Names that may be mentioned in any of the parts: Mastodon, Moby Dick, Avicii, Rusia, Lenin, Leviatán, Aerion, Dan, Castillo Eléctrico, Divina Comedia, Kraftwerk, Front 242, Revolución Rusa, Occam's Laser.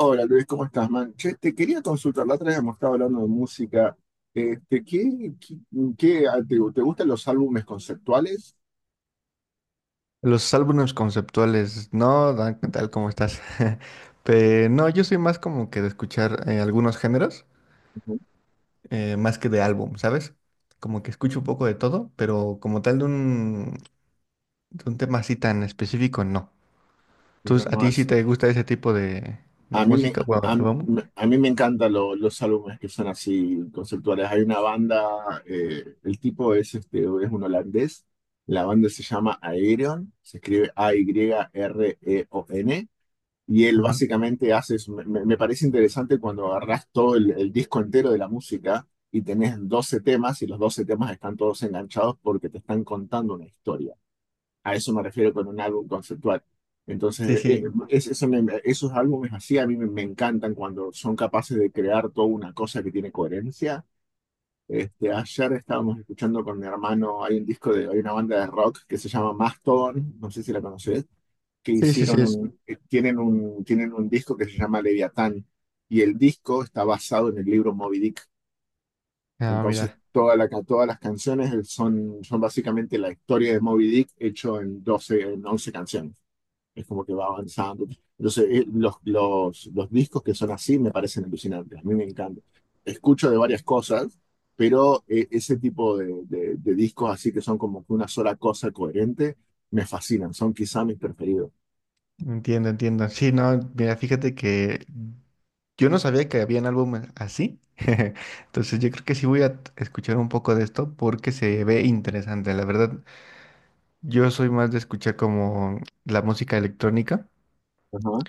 Hola Luis, ¿cómo estás, man? Che, te quería consultar, la otra vez hemos estado hablando de música. Este, ¿qué, qué, te gustan los álbumes conceptuales? Los álbumes conceptuales, no, Dan, ¿qué tal? ¿Cómo estás? Pero no, yo soy más como que de escuchar algunos géneros, Ujú. Más que de álbum, ¿sabes? Como que escucho un poco de todo, pero como tal de un tema así tan específico, no. No, Entonces, ¿a ti sí te gusta ese tipo de a mí me, música o a, mí álbum? me a mí me encantan los álbumes que son así conceptuales. Hay una banda, el tipo es, es un holandés. La banda se llama Aerion, se escribe Ayreon. Y él Ajá. básicamente hace eso. Parece interesante cuando agarrás todo el disco entero de la música y tenés 12 temas y los 12 temas están todos enganchados porque te están contando una historia. A eso me refiero con un álbum conceptual. Sí, Entonces, sí. Esos álbumes así a mí me encantan cuando son capaces de crear toda una cosa que tiene coherencia. Ayer estábamos escuchando con mi hermano. Hay una banda de rock que se llama Mastodon, no sé si la conoces, que Sí, sí, sí. hicieron un, tienen un disco que se llama Leviatán, y el disco está basado en el libro Moby Dick. Ah, Entonces, mira, todas las canciones son básicamente la historia de Moby Dick hecho en 12 en 11 canciones. Es como que va avanzando. Entonces, los discos que son así me parecen alucinantes. A mí me encanta. Escucho de varias cosas, pero ese tipo de discos así que son como que una sola cosa coherente, me fascinan. Son quizá mis preferidos. entiendo, entiendo. Sí, no, mira, fíjate que yo no sabía que habían álbumes así. Entonces yo creo que sí escuchar un poco de esto porque se ve interesante. La verdad, yo soy más de escuchar como la música electrónica. Ajá.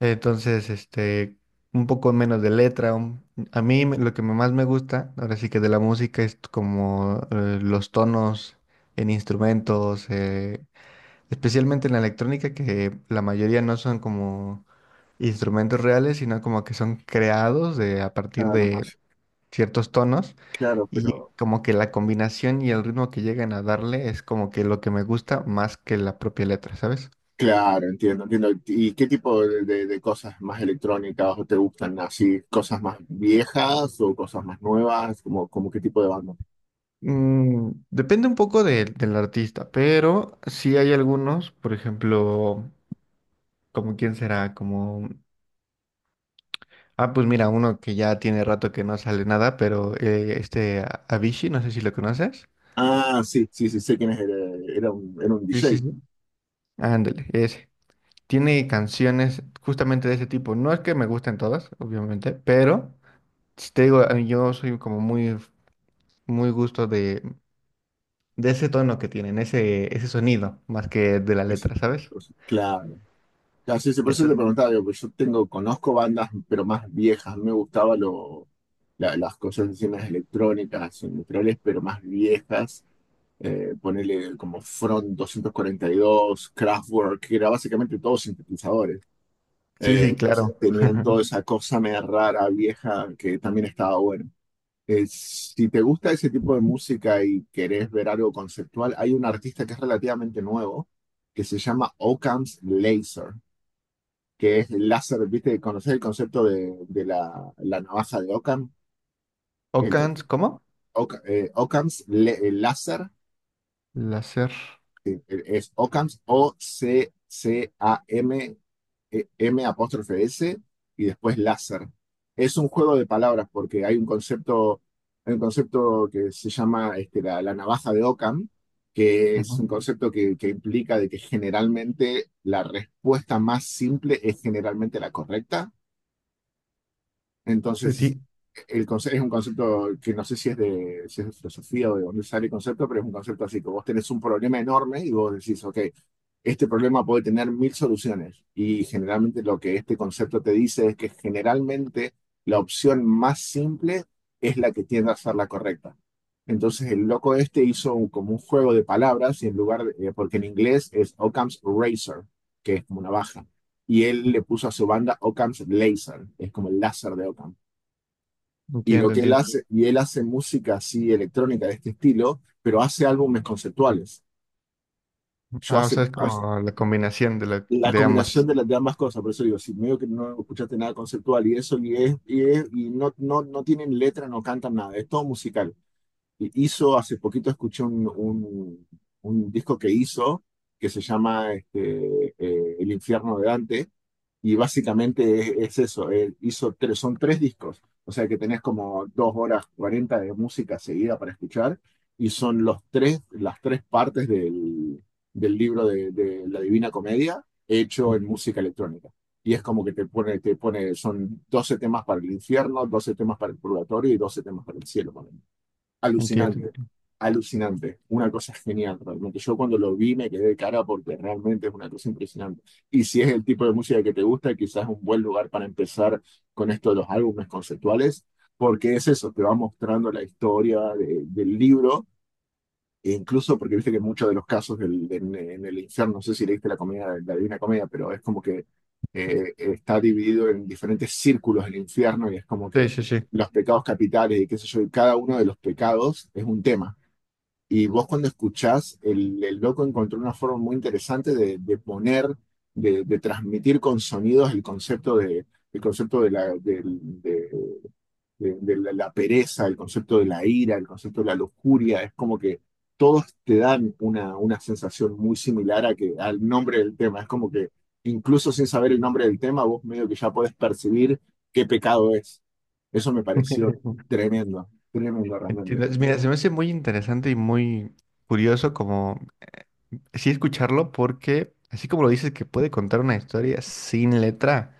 Entonces, este, un poco menos de letra. Lo que más me gusta, ahora sí que de la música, es como los tonos en instrumentos, especialmente en la electrónica, que la mayoría no son como instrumentos reales, sino como que son creados de, a partir Claro, de ciertos tonos claro, y pero como que la combinación y el ritmo que llegan a darle es como que lo que me gusta más que la propia letra, ¿sabes? claro, entiendo, entiendo. ¿Y qué tipo de cosas más electrónicas te gustan? ¿Así cosas más viejas o cosas más nuevas? ¿Como, como qué tipo de banda? Depende un poco del artista, pero sí hay algunos, por ejemplo, como quién será, como, ah, pues mira, uno que ya tiene rato que no sale nada, pero este Avicii, no sé si lo conoces. Ah, sí, sí, sí, sé quién es. Era un Sí, DJ. sí, sí. Ándale, ese. Tiene canciones justamente de ese tipo. No es que me gusten todas, obviamente, pero... Si te digo, a mí yo soy como muy, muy gusto de ese tono que tienen, ese sonido, más que de la Ese letra, tipo de ¿sabes? cosas. Claro. Claro, sí, sí, por eso te Entonces, preguntaba, digo, pues yo tengo, conozco bandas, pero más viejas. Me gustaban las cosas así más electrónicas, industriales, pero más viejas. Ponele como Front 242, Kraftwerk, que era básicamente todos sintetizadores. sí, sí, Entonces claro. tenían toda esa cosa media rara, vieja, que también estaba bueno. Si te gusta ese tipo de música y querés ver algo conceptual, hay un artista que es relativamente nuevo, que se llama Occam's Laser, que es el láser, ¿viste? ¿Conocés el concepto de la, la navaja de Occam? El, Ocans, ¿cómo? Occam- Occam's le- El láser Láser. Es OCAMS, Occam, M M apóstrofe S, y después láser. Es un juego de palabras porque hay un concepto que se llama la, la navaja de Ockham, que es un Ujú. concepto que implica de que generalmente la respuesta más simple es generalmente la correcta. Entonces, Sí, el concepto es un concepto que no sé si es de filosofía o de dónde sale el concepto, pero es un concepto así, que vos tenés un problema enorme y vos decís, ok, este problema puede tener mil soluciones. Y generalmente lo que este concepto te dice es que generalmente la opción más simple es la que tiende a ser la correcta. Entonces, el loco este hizo como un juego de palabras y en lugar porque en inglés es Occam's Razor, que es como una baja, y él le puso a su banda Occam's Laser, es como el láser de Occam. Y lo entiendo, que él entiendo. hace, y él hace música así electrónica de este estilo, pero hace álbumes conceptuales. Yo Ah, o hace, sea, es hace- como la combinación de, la, la de combinación ambas. de las de ambas cosas, por eso digo, si medio que no escuchaste nada conceptual y eso, y no tienen letra, no cantan nada, es todo musical. Hace poquito escuché un disco que hizo, que se llama El infierno de Dante. Y básicamente es eso, él hizo tres, son tres discos, o sea que tenés como 2 horas 40 de música seguida para escuchar y son los tres, las tres partes del, del libro de la Divina Comedia hecho Mm, en música electrónica. Y es como que te pone, son 12 temas para el infierno, 12 temas para el purgatorio y 12 temas para el cielo. entiendo. Alucinante, Entiendo. alucinante, una cosa genial, realmente. Yo cuando lo vi me quedé de cara porque realmente es una cosa impresionante. Y si es el tipo de música que te gusta, quizás es un buen lugar para empezar con esto de los álbumes conceptuales, porque es eso, te va mostrando la historia del libro e incluso porque viste que muchos de los casos en el infierno, no sé si leíste la comedia, la Divina Comedia, pero es como que está dividido en diferentes círculos el infierno, y es como Sí, que sí, sí. los pecados capitales y qué sé yo, y cada uno de los pecados es un tema. Y vos cuando escuchás, el loco encontró una forma muy interesante de poner, de transmitir con sonidos el concepto el concepto de la pereza, el concepto de la ira, el concepto de la lujuria, es como que todos te dan una sensación muy similar a que, al nombre del tema. Es como que incluso sin saber el nombre del tema, vos medio que ya podés percibir qué pecado es. Eso me pareció tremendo, tremendo realmente. Entiendo. Mira, se me hace muy interesante y muy curioso como sí escucharlo porque, así como lo dices, que puede contar una historia sin letra.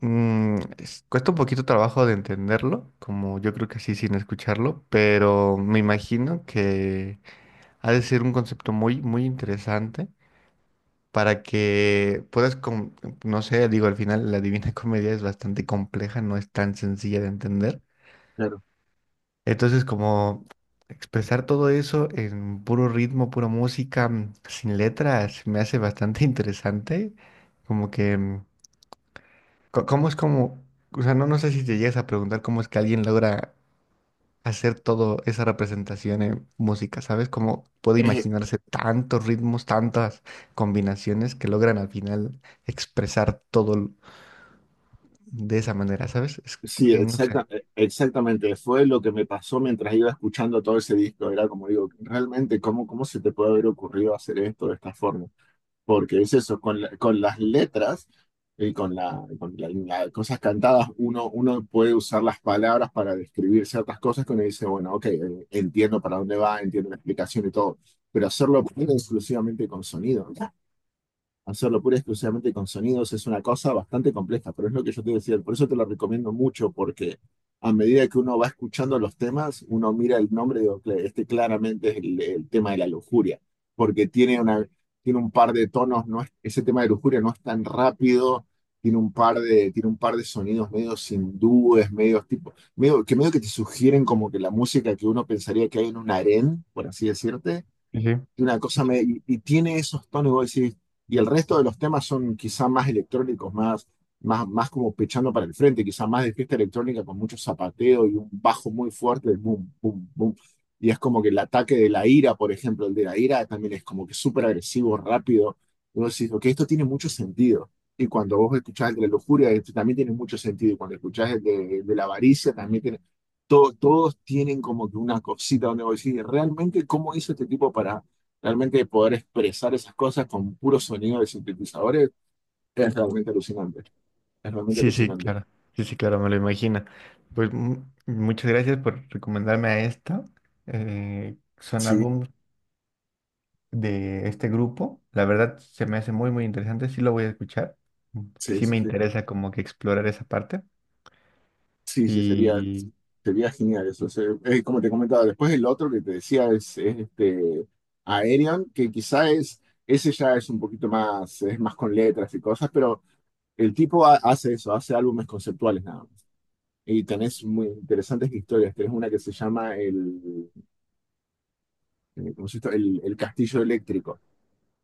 Mm, cuesta un poquito trabajo de entenderlo, como yo creo que así sin escucharlo, pero me imagino que ha de ser un concepto muy, muy interesante para que puedas, no sé, digo, al final la Divina Comedia es bastante compleja, no es tan sencilla de entender. Claro. Entonces, como expresar todo eso en puro ritmo, pura música, mm, sin letras, me hace bastante interesante, como que... ¿Cómo es como, o sea, no, no sé si te llegas a preguntar cómo es que alguien logra hacer todo esa representación en música, ¿sabes? Cómo puede Eh, imaginarse tantos ritmos, tantas combinaciones que logran al final expresar de esa manera, ¿sabes? Sí, No sé. Exactamente. Fue lo que me pasó mientras iba escuchando todo ese disco. Era como digo, realmente, ¿cómo, cómo se te puede haber ocurrido hacer esto de esta forma? Porque es eso, con las letras y cosas cantadas, uno puede usar las palabras para describir ciertas cosas que uno dice, bueno, ok, entiendo para dónde va, entiendo la explicación y todo, pero hacerlo pura y exclusivamente con sonido, ¿no? Hacerlo pura y exclusivamente con sonidos es una cosa bastante compleja, pero es lo que yo te decía. Por eso te lo recomiendo mucho, porque a medida que uno va escuchando los temas, uno mira el nombre y digo, Este claramente es el tema de la lujuria, porque tiene una, tiene un par de tonos, no es- ese tema de lujuria no es tan rápido, tiene un par de, sonidos medios hindúes, medios tipo, medio que te sugieren como que la música que uno pensaría que hay en un harén, por así decirte, Sí, y una sí, sí, cosa sí, me, y tiene esos tonos, vos decís, y el resto de los temas son quizá más electrónicos, más como pechando para el frente, quizá más de fiesta electrónica con mucho zapateo y un bajo muy fuerte de boom, boom, boom. Y es como que el ataque de la ira, por ejemplo, el de la ira también es como que súper agresivo, rápido. Y vos decís, ok, esto tiene mucho sentido. Y cuando vos escuchás el de la lujuria, este también tiene mucho sentido. Y cuando escuchás el de la avaricia, también tiene… todos tienen como que una cosita donde vos decís, realmente, ¿cómo hizo este tipo para realmente poder expresar esas cosas con puro sonido de sintetizadores? Es realmente alucinante. Es realmente sí, sí, alucinante. claro. Sí, sí, claro, me lo imagino. Pues muchas gracias por recomendarme a esta. Son Sí, álbumes de este grupo. La verdad se me hace muy, muy interesante. Sí lo voy a escuchar. Mm, sí, sí sí, me sí, interesa como que explorar esa parte. sí. Sí, sería, Y sería genial eso. Como te comentaba, después el otro que te decía este Aerion, que quizá es, ese ya es un poquito más, es más con letras y cosas, pero el tipo hace eso, hace álbumes conceptuales nada más. Y tenés muy interesantes historias. Tenés una que se llama ¿cómo se llama? El Castillo Eléctrico,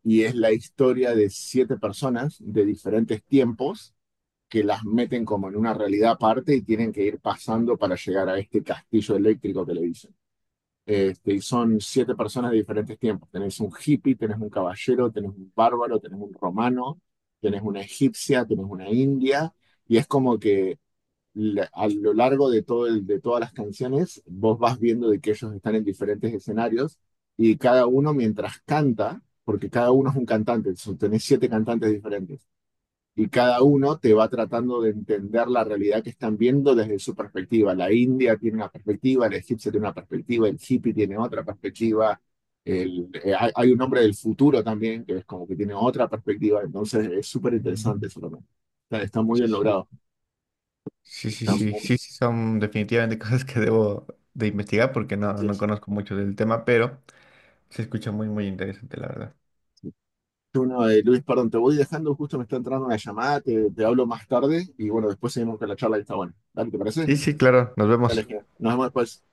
y es la historia de siete personas de diferentes tiempos que las meten como en una realidad aparte y tienen que ir pasando para llegar a este castillo eléctrico, que le dicen. Y son siete personas de diferentes tiempos. Tenés un hippie, tenés un caballero, tenés un bárbaro, tenés un romano, tenés una egipcia, tenés una india, y es como que a lo largo de todo el, de todas las canciones, vos vas viendo de que ellos están en diferentes escenarios, y cada uno mientras canta, porque cada uno es un cantante, tenés siete cantantes diferentes, y cada uno te va tratando de entender la realidad que están viendo desde su perspectiva. La india tiene una perspectiva, el egipcio tiene una perspectiva, el hippie tiene otra perspectiva. Hay un hombre del futuro también que es como que tiene otra perspectiva, entonces es súper mm, interesante eso también. Está muy sí, bien sí, logrado. sí, sí, Está sí, muy- sí, sí son definitivamente cosas que debo de investigar porque no, sí, no sí. conozco mucho del tema, pero se escucha muy, muy interesante, la verdad. Bueno, Luis, perdón, te voy dejando, justo me está entrando una llamada, te hablo más tarde y bueno, después seguimos con la charla que está buena. Dale, ¿te parece? Sí, sí, claro. Nos Dale, vemos. genial. Nos vemos después.